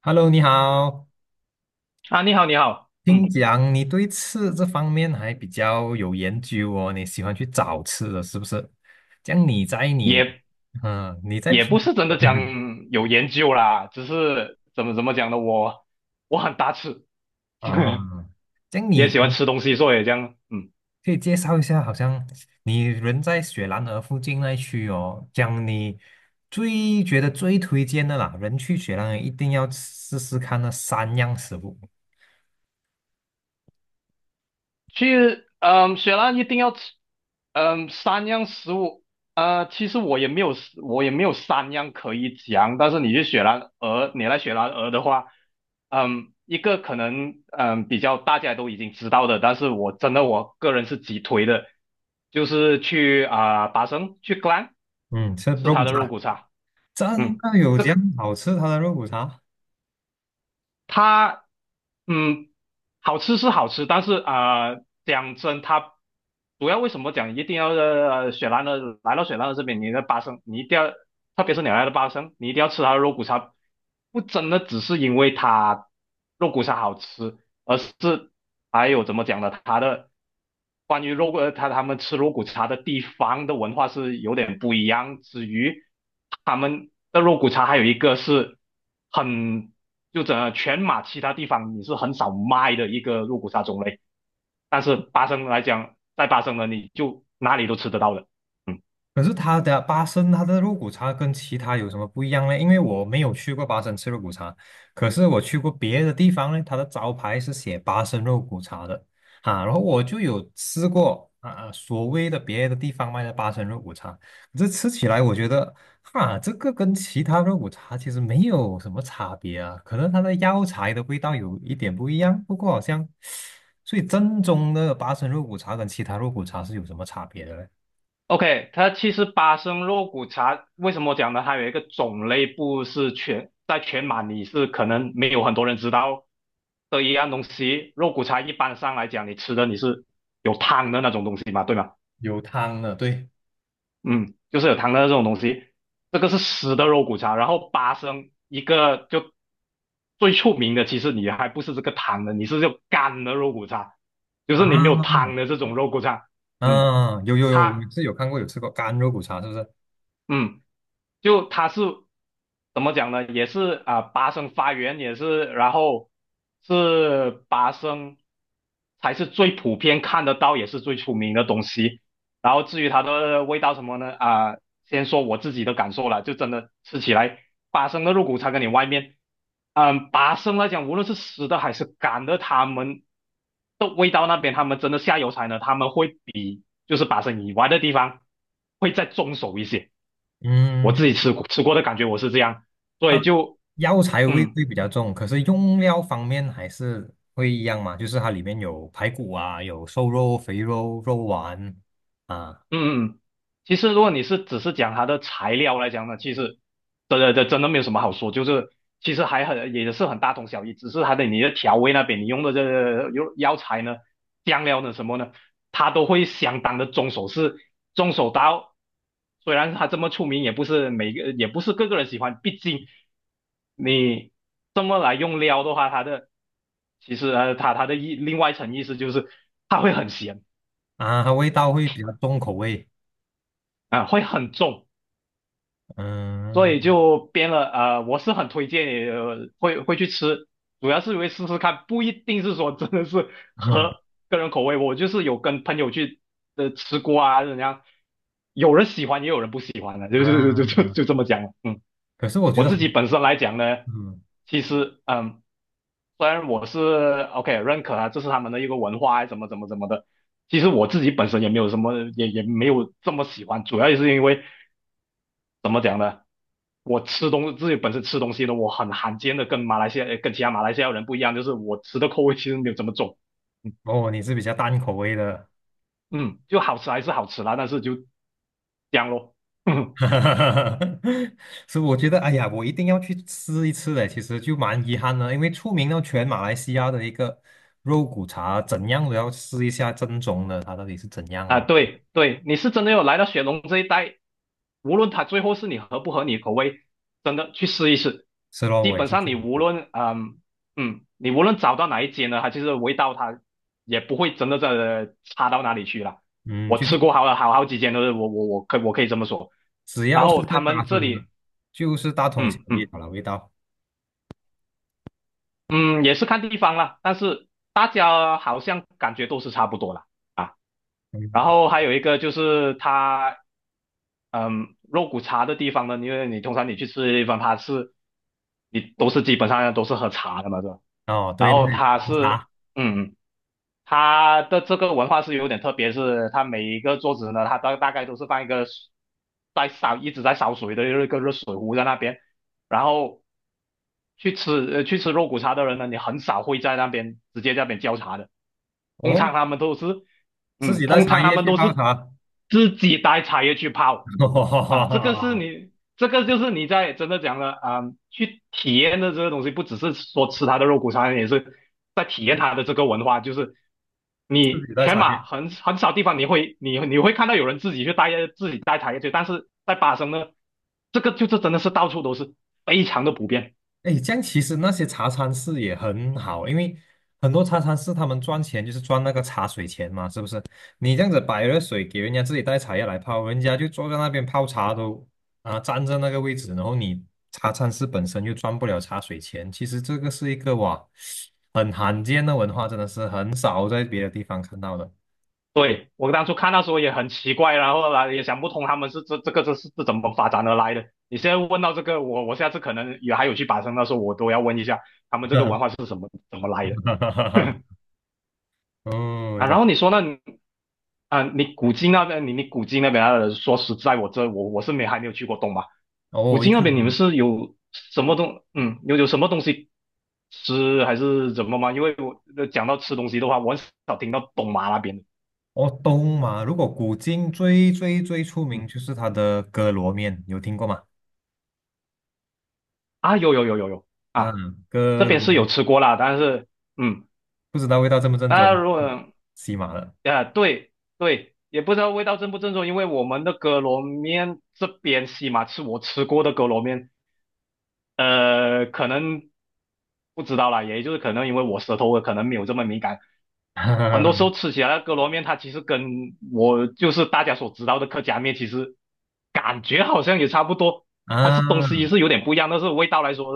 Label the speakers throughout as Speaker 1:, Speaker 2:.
Speaker 1: Hello，你好。
Speaker 2: 啊，你好，你好，
Speaker 1: 听讲你对吃这方面还比较有研究哦，你喜欢去找吃的，是不是？这样你在你，
Speaker 2: 也
Speaker 1: 嗯，你在
Speaker 2: 也
Speaker 1: 平，
Speaker 2: 不是真的讲 有研究啦，只是怎么讲呢，我很大吃，
Speaker 1: 啊、这样
Speaker 2: 也
Speaker 1: 你
Speaker 2: 喜欢吃东西，所以这样，嗯。
Speaker 1: 可以介绍一下，好像你人在雪兰莪附近那一区哦，这样你最觉得最推荐的啦，人去雪兰莪一定要试试看那三样食物。
Speaker 2: 去，雪兰一定要吃，三样食物，其实我也没有三样可以讲，但是你去雪兰莪，你来雪兰莪的话，一个可能，比较大家都已经知道的，但是我真的我个人是极推的，就是去啊、达生去 g l a n
Speaker 1: 嗯，吃
Speaker 2: 是吃
Speaker 1: 肉骨
Speaker 2: 它的肉
Speaker 1: 茶，
Speaker 2: 骨茶。
Speaker 1: 真
Speaker 2: 嗯，
Speaker 1: 的有
Speaker 2: 这
Speaker 1: 这样
Speaker 2: 个
Speaker 1: 好吃它的肉骨茶？
Speaker 2: 它嗯，好吃是好吃，但是啊、讲真，它主要为什么讲一定要呃雪兰的来到雪兰的这边，你的八生，你一定要，特别是你来到八生，你一定要吃它的肉骨茶，不真的只是因为它肉骨茶好吃，而是还有怎么讲呢？它的关于肉呃，他们吃肉骨茶的地方的文化是有点不一样。至于他们的肉骨茶，还有一个是很就整个全马其他地方你是很少卖的一个肉骨茶种类，但是巴生来讲，在巴生呢，你就哪里都吃得到的。嗯。
Speaker 1: 可是他的八生它的肉骨茶跟其他有什么不一样呢？因为我没有去过八生吃肉骨茶，可是我去过别的地方呢，它的招牌是写八生肉骨茶的啊。然后我就有吃过啊所谓的别的地方卖的八生肉骨茶，可是吃起来我觉得哈，这个跟其他肉骨茶其实没有什么差别啊，可能它的药材的味道有一点不一样，不过好像，所以正宗的八生肉骨茶跟其他肉骨茶是有什么差别的呢？
Speaker 2: OK，它其实巴生肉骨茶为什么我讲呢？它有一个种类不是全在全马你是可能没有很多人知道的一样东西。肉骨茶一般上来讲，你是有汤的那种东西嘛，对吗？
Speaker 1: 有汤的，对。
Speaker 2: 嗯，就是有汤的那种东西，这个是湿的肉骨茶。然后巴生一个就最出名的，其实你还不是这个汤的，你是就干的肉骨茶，就是你没
Speaker 1: 啊，
Speaker 2: 有汤的这种肉骨茶。嗯，
Speaker 1: 嗯，有有有，我
Speaker 2: 它
Speaker 1: 是有看过有吃过干肉骨茶，是不是？
Speaker 2: 嗯。就它是怎么讲呢？也是啊，八声发源也是，然后是八声才是最普遍看得到，也是最出名的东西。然后至于它的味道什么呢？啊，先说我自己的感受了，就真的吃起来，八生的肉骨茶跟你外面，八生来讲，无论是湿的还是干的，他们的味道那边，他们真的下油菜呢，他们会比就是八生以外的地方会再重手一些。
Speaker 1: 嗯，
Speaker 2: 我自己
Speaker 1: 就
Speaker 2: 吃过的感觉我是这样，所以就
Speaker 1: 药材味
Speaker 2: 嗯，
Speaker 1: 会比较重，可是用料方面还是会一样嘛，就是它里面有排骨啊，有瘦肉、肥肉、肉丸啊
Speaker 2: 嗯嗯，其实如果你是只是讲它的材料来讲呢，其实真的没有什么好说，就是其实还很也是很大同小异，只是你的调味那边你用的用药材呢、酱料呢什么呢，它都会相当的重手是重手到，虽然它这么出名，也不是个个人喜欢，毕竟你这么来用料的话，它的其实呃它它的意另外一层意思就是它会很咸
Speaker 1: 啊，它味道会比较重口味。
Speaker 2: 啊、会很重。所
Speaker 1: 嗯
Speaker 2: 以就编了，我是很推荐你，会去吃，主要是因为试试看，不一定是说真的是
Speaker 1: 嗯
Speaker 2: 合个人口味。我就是有跟朋友去吃过啊，怎样，有人喜欢也有人不喜欢的，就就就就
Speaker 1: 啊，
Speaker 2: 就这么讲了。嗯，
Speaker 1: 可是我觉
Speaker 2: 我
Speaker 1: 得，
Speaker 2: 自己本身来讲呢，
Speaker 1: 嗯，
Speaker 2: 其实虽然我是 OK 认可啊，这是他们的一个文化啊，怎么怎么的，其实我自己本身也没有什么，也没有这么喜欢，主要也是因为。我吃东自己本身吃东西的，我很罕见的跟其他马来西亚人不一样，就是我吃的口味其实没有这么重，嗯
Speaker 1: 哦，你是比较淡口味的。
Speaker 2: 嗯，就好吃还是好吃啦，但是就这样咯。
Speaker 1: 哈哈哈，所以我觉得，哎呀，我一定要去吃一次的。其实就蛮遗憾的，因为出名到全马来西亚的一个肉骨茶，怎样都要试一下正宗的，它到底是怎样
Speaker 2: 啊，
Speaker 1: 哦。
Speaker 2: 对对，你是真的有来到雪隆这一带，无论它最后是你合不合你口味，真的去试一试。
Speaker 1: 是咯，
Speaker 2: 基
Speaker 1: 我也
Speaker 2: 本
Speaker 1: 是
Speaker 2: 上
Speaker 1: 这
Speaker 2: 你
Speaker 1: 样子
Speaker 2: 无
Speaker 1: 的。
Speaker 2: 论找到哪一间呢，它其实味道它也不会真的在差到哪里去了，
Speaker 1: 嗯，
Speaker 2: 我
Speaker 1: 就是
Speaker 2: 吃过好好几间都是我可以这么说。
Speaker 1: 只
Speaker 2: 然
Speaker 1: 要是
Speaker 2: 后
Speaker 1: 在
Speaker 2: 他们
Speaker 1: 巴
Speaker 2: 这
Speaker 1: 生的，
Speaker 2: 里，
Speaker 1: 就是大同小
Speaker 2: 嗯
Speaker 1: 异
Speaker 2: 嗯
Speaker 1: 好了，味道。
Speaker 2: 嗯，也是看地方啦，但是大家好像感觉都是差不多啦啊。然
Speaker 1: 嗯，
Speaker 2: 后还有一个就是肉骨茶的地方呢，因为你通常你去吃的地方，你都是基本上都是喝茶的嘛，是吧？
Speaker 1: 哦，
Speaker 2: 然
Speaker 1: 对，那个
Speaker 2: 后它是，
Speaker 1: 茶，
Speaker 2: 嗯，它的这个文化是有点特别，是它每一个桌子呢，它大概都是放一个一直在烧水的一个热水壶在那边，然后去吃肉骨茶的人呢，你很少会在那边直接在那边浇茶的，通常
Speaker 1: 哦，
Speaker 2: 他们都是
Speaker 1: 自己带
Speaker 2: 通
Speaker 1: 茶
Speaker 2: 常他
Speaker 1: 叶
Speaker 2: 们
Speaker 1: 去
Speaker 2: 都
Speaker 1: 泡
Speaker 2: 是
Speaker 1: 茶。
Speaker 2: 自己带茶叶去泡。啊，这个是 你，这个就是你在真的讲了啊、去体验的这个东西，不只是说吃它的肉骨茶，也是在体验它的这个文化。就是
Speaker 1: 自
Speaker 2: 你
Speaker 1: 己带
Speaker 2: 全
Speaker 1: 茶
Speaker 2: 马
Speaker 1: 叶。
Speaker 2: 很少地方你会看到有人自己带茶叶去，但是在巴生呢，这个就是真的是到处都是，非常的普遍。
Speaker 1: 哎，这样其实那些茶餐室也很好，因为很多茶餐室他们赚钱就是赚那个茶水钱嘛，是不是？你这样子摆热水给人家自己带茶叶来泡，人家就坐在那边泡茶都啊占在那个位置，然后你茶餐室本身又赚不了茶水钱，其实这个是一个哇很罕见的文化，真的是很少在别的地方看到的。
Speaker 2: 对，我当初看到时候也很奇怪，然后来也想不通他们是这是怎么发展而来的。你现在问到这个，我下次可能也还有去巴生的时候，我都要问一下他们这个文化是什么怎么来的
Speaker 1: 哦，一
Speaker 2: 啊。
Speaker 1: 个，
Speaker 2: 然后你古晋那边啊，说实在，我这我我是没还没有去过东马。古
Speaker 1: 哦，一
Speaker 2: 晋那
Speaker 1: 次。都
Speaker 2: 边你们
Speaker 1: 没
Speaker 2: 是有什么东西吃还是怎么吗？因为我讲到吃东西的话，我很少听到东马那边的。
Speaker 1: 哦，东马，如果古今最最最出名
Speaker 2: 嗯
Speaker 1: 就是它的哥罗面，有听过吗？
Speaker 2: 啊有有有有有啊。
Speaker 1: 嗯，
Speaker 2: 这
Speaker 1: 哥
Speaker 2: 边是
Speaker 1: 罗
Speaker 2: 有
Speaker 1: 面，
Speaker 2: 吃过啦，但是嗯，
Speaker 1: 不知道味道正不正
Speaker 2: 那
Speaker 1: 宗，
Speaker 2: 如
Speaker 1: 嗯，
Speaker 2: 果
Speaker 1: 西马了。
Speaker 2: 呃对对，也不知道味道正不正宗，因为我们的哥罗面这边西马是我吃过的哥罗面，可能不知道啦，也就是可能因为我舌头可能没有这么敏感，很多时 候吃起来的哥罗面，它其实跟我就是大家所知道的客家面，其实感觉好像也差不多，东
Speaker 1: 啊，
Speaker 2: 西是有点不一样，但是味道来说，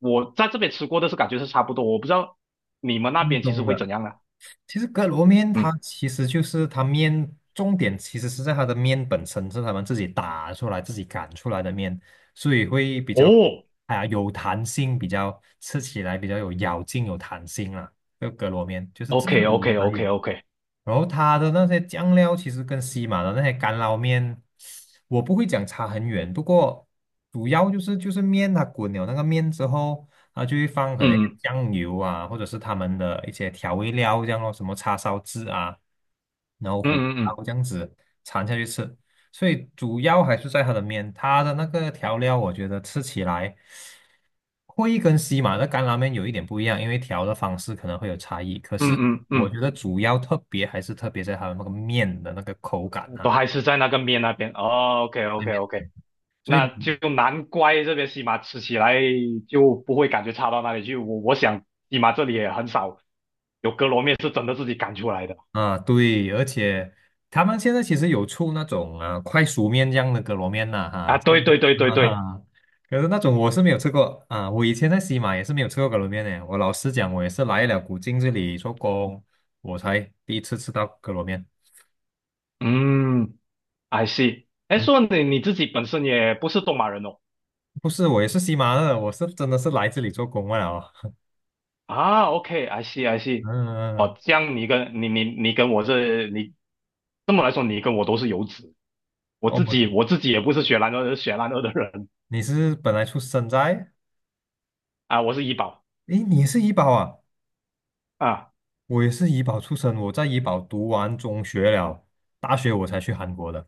Speaker 2: 我在这边吃过的是感觉是差不多，我不知道你们那
Speaker 1: 正
Speaker 2: 边其实
Speaker 1: 宗
Speaker 2: 会
Speaker 1: 的。
Speaker 2: 怎样啦。
Speaker 1: 其实哥罗面它
Speaker 2: 嗯，
Speaker 1: 其实就是它面，重点其实是在它的面本身是他们自己打出来、自己擀出来的面，所以会比较
Speaker 2: 哦
Speaker 1: 啊、有弹性，比较吃起来比较有咬劲、有弹性啦。这个哥罗面就是这
Speaker 2: ，OK OK
Speaker 1: 里才
Speaker 2: OK
Speaker 1: 有。
Speaker 2: OK，
Speaker 1: 然后它的那些酱料其实跟西马的那些干捞面，我不会讲差很远，不过主要就是面它滚了那个面之后，它就会放可能嗯
Speaker 2: 嗯
Speaker 1: 酱油啊，或者是他们的一些调味料这样咯，什么叉烧汁啊，然后
Speaker 2: 嗯
Speaker 1: 胡
Speaker 2: 嗯嗯
Speaker 1: 椒这样子掺下去吃，所以主要还是在它的面，它的那个调料我觉得吃起来。会跟西马的干拉面有一点不一样，因为调的方式可能会有差异。可
Speaker 2: 嗯
Speaker 1: 是
Speaker 2: 嗯
Speaker 1: 我
Speaker 2: 嗯
Speaker 1: 觉得主要特别还是特别在它的那个面的那个口感
Speaker 2: 嗯，
Speaker 1: 啊，
Speaker 2: 都还是在那个面那边。哦，OK
Speaker 1: 那
Speaker 2: OK
Speaker 1: 边。
Speaker 2: OK。
Speaker 1: 所以
Speaker 2: 那就难怪这边西马吃起来就不会感觉差到哪里去。我想西马这里也很少有哥罗面是真的自己擀出来的
Speaker 1: 啊，对，而且他们现在其实有出那种啊快熟面这样的格罗面呐、哈、
Speaker 2: 啊。对对对对 对，
Speaker 1: 哈，可是那种我是没有吃过啊，我以前在西马也是没有吃过格罗面的。我老实讲，我也是来了古晋这里做工，我才第一次吃到格罗面。
Speaker 2: 嗯，I see。哎，
Speaker 1: 嗯，
Speaker 2: 说你自己本身也不是东马人哦。
Speaker 1: 不是，我也是西马的，我是真的是来这里做工罢了哦。
Speaker 2: 啊，OK，I see，I see。
Speaker 1: 嗯，
Speaker 2: 哦，这样你跟我这么来说，你跟我都是游子。我自
Speaker 1: 哦，
Speaker 2: 己我自己也不是雪兰莪的人
Speaker 1: 你是本来出生在，
Speaker 2: 啊，我是怡保
Speaker 1: 诶，你也是怡保啊？
Speaker 2: 啊。
Speaker 1: 我也是怡保出生，我在怡保读完中学了，大学我才去韩国的。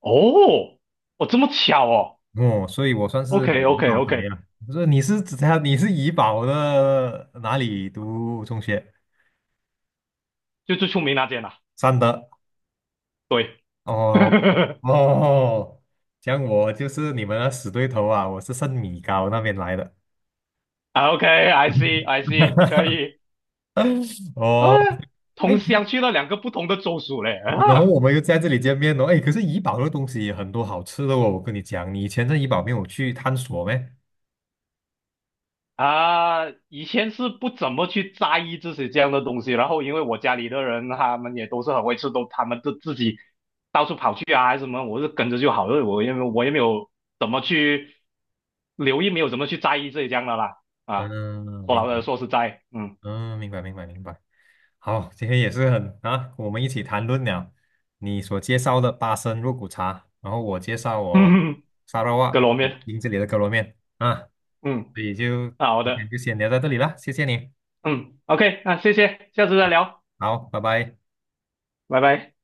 Speaker 2: 哦，哦，这么巧哦。
Speaker 1: 哦，所以我算是
Speaker 2: OK
Speaker 1: 怡
Speaker 2: OK
Speaker 1: 保宅
Speaker 2: OK，
Speaker 1: 呀。不是，你是指他你是怡保的哪里读中学？
Speaker 2: 就最出名那间啦、
Speaker 1: 三德。
Speaker 2: 对，
Speaker 1: 哦 哦，像我就是你们的死对头啊，我是圣米高那边来的。
Speaker 2: 啊 OK，I see I see，可 以。啊，
Speaker 1: 哦，哎，
Speaker 2: 同乡去了两个不同的州属嘞。
Speaker 1: 然后
Speaker 2: 啊
Speaker 1: 我们又在这里见面了，哎，可是怡保的东西也很多好吃的哦，我跟你讲，你以前在怡保没有去探索咩？
Speaker 2: 啊，以前是不怎么去在意这些这样的东西，然后因为我家里的人他们也都是很会吃，他们都自己到处跑去啊还是什么，我是跟着就好了，我也没有怎么去留意，没有怎么去在意这些这样的啦。啊，
Speaker 1: 嗯，
Speaker 2: 说
Speaker 1: 明
Speaker 2: 老实
Speaker 1: 白，
Speaker 2: 说实在，嗯，
Speaker 1: 嗯，明白，明白，明白。好，今天也是很啊，我们一起谈论了你所介绍的巴生肉骨茶，然后我介绍 我
Speaker 2: 嗯，嗯，
Speaker 1: 沙拉
Speaker 2: 哥
Speaker 1: 哇
Speaker 2: 罗面，
Speaker 1: 英这里的可乐面啊，
Speaker 2: 嗯，
Speaker 1: 所以就
Speaker 2: 啊好
Speaker 1: 今
Speaker 2: 的。
Speaker 1: 天就先聊到这里啦，谢谢你，
Speaker 2: 嗯，OK，那谢谢，下次再聊，
Speaker 1: 好，拜拜。
Speaker 2: 拜拜。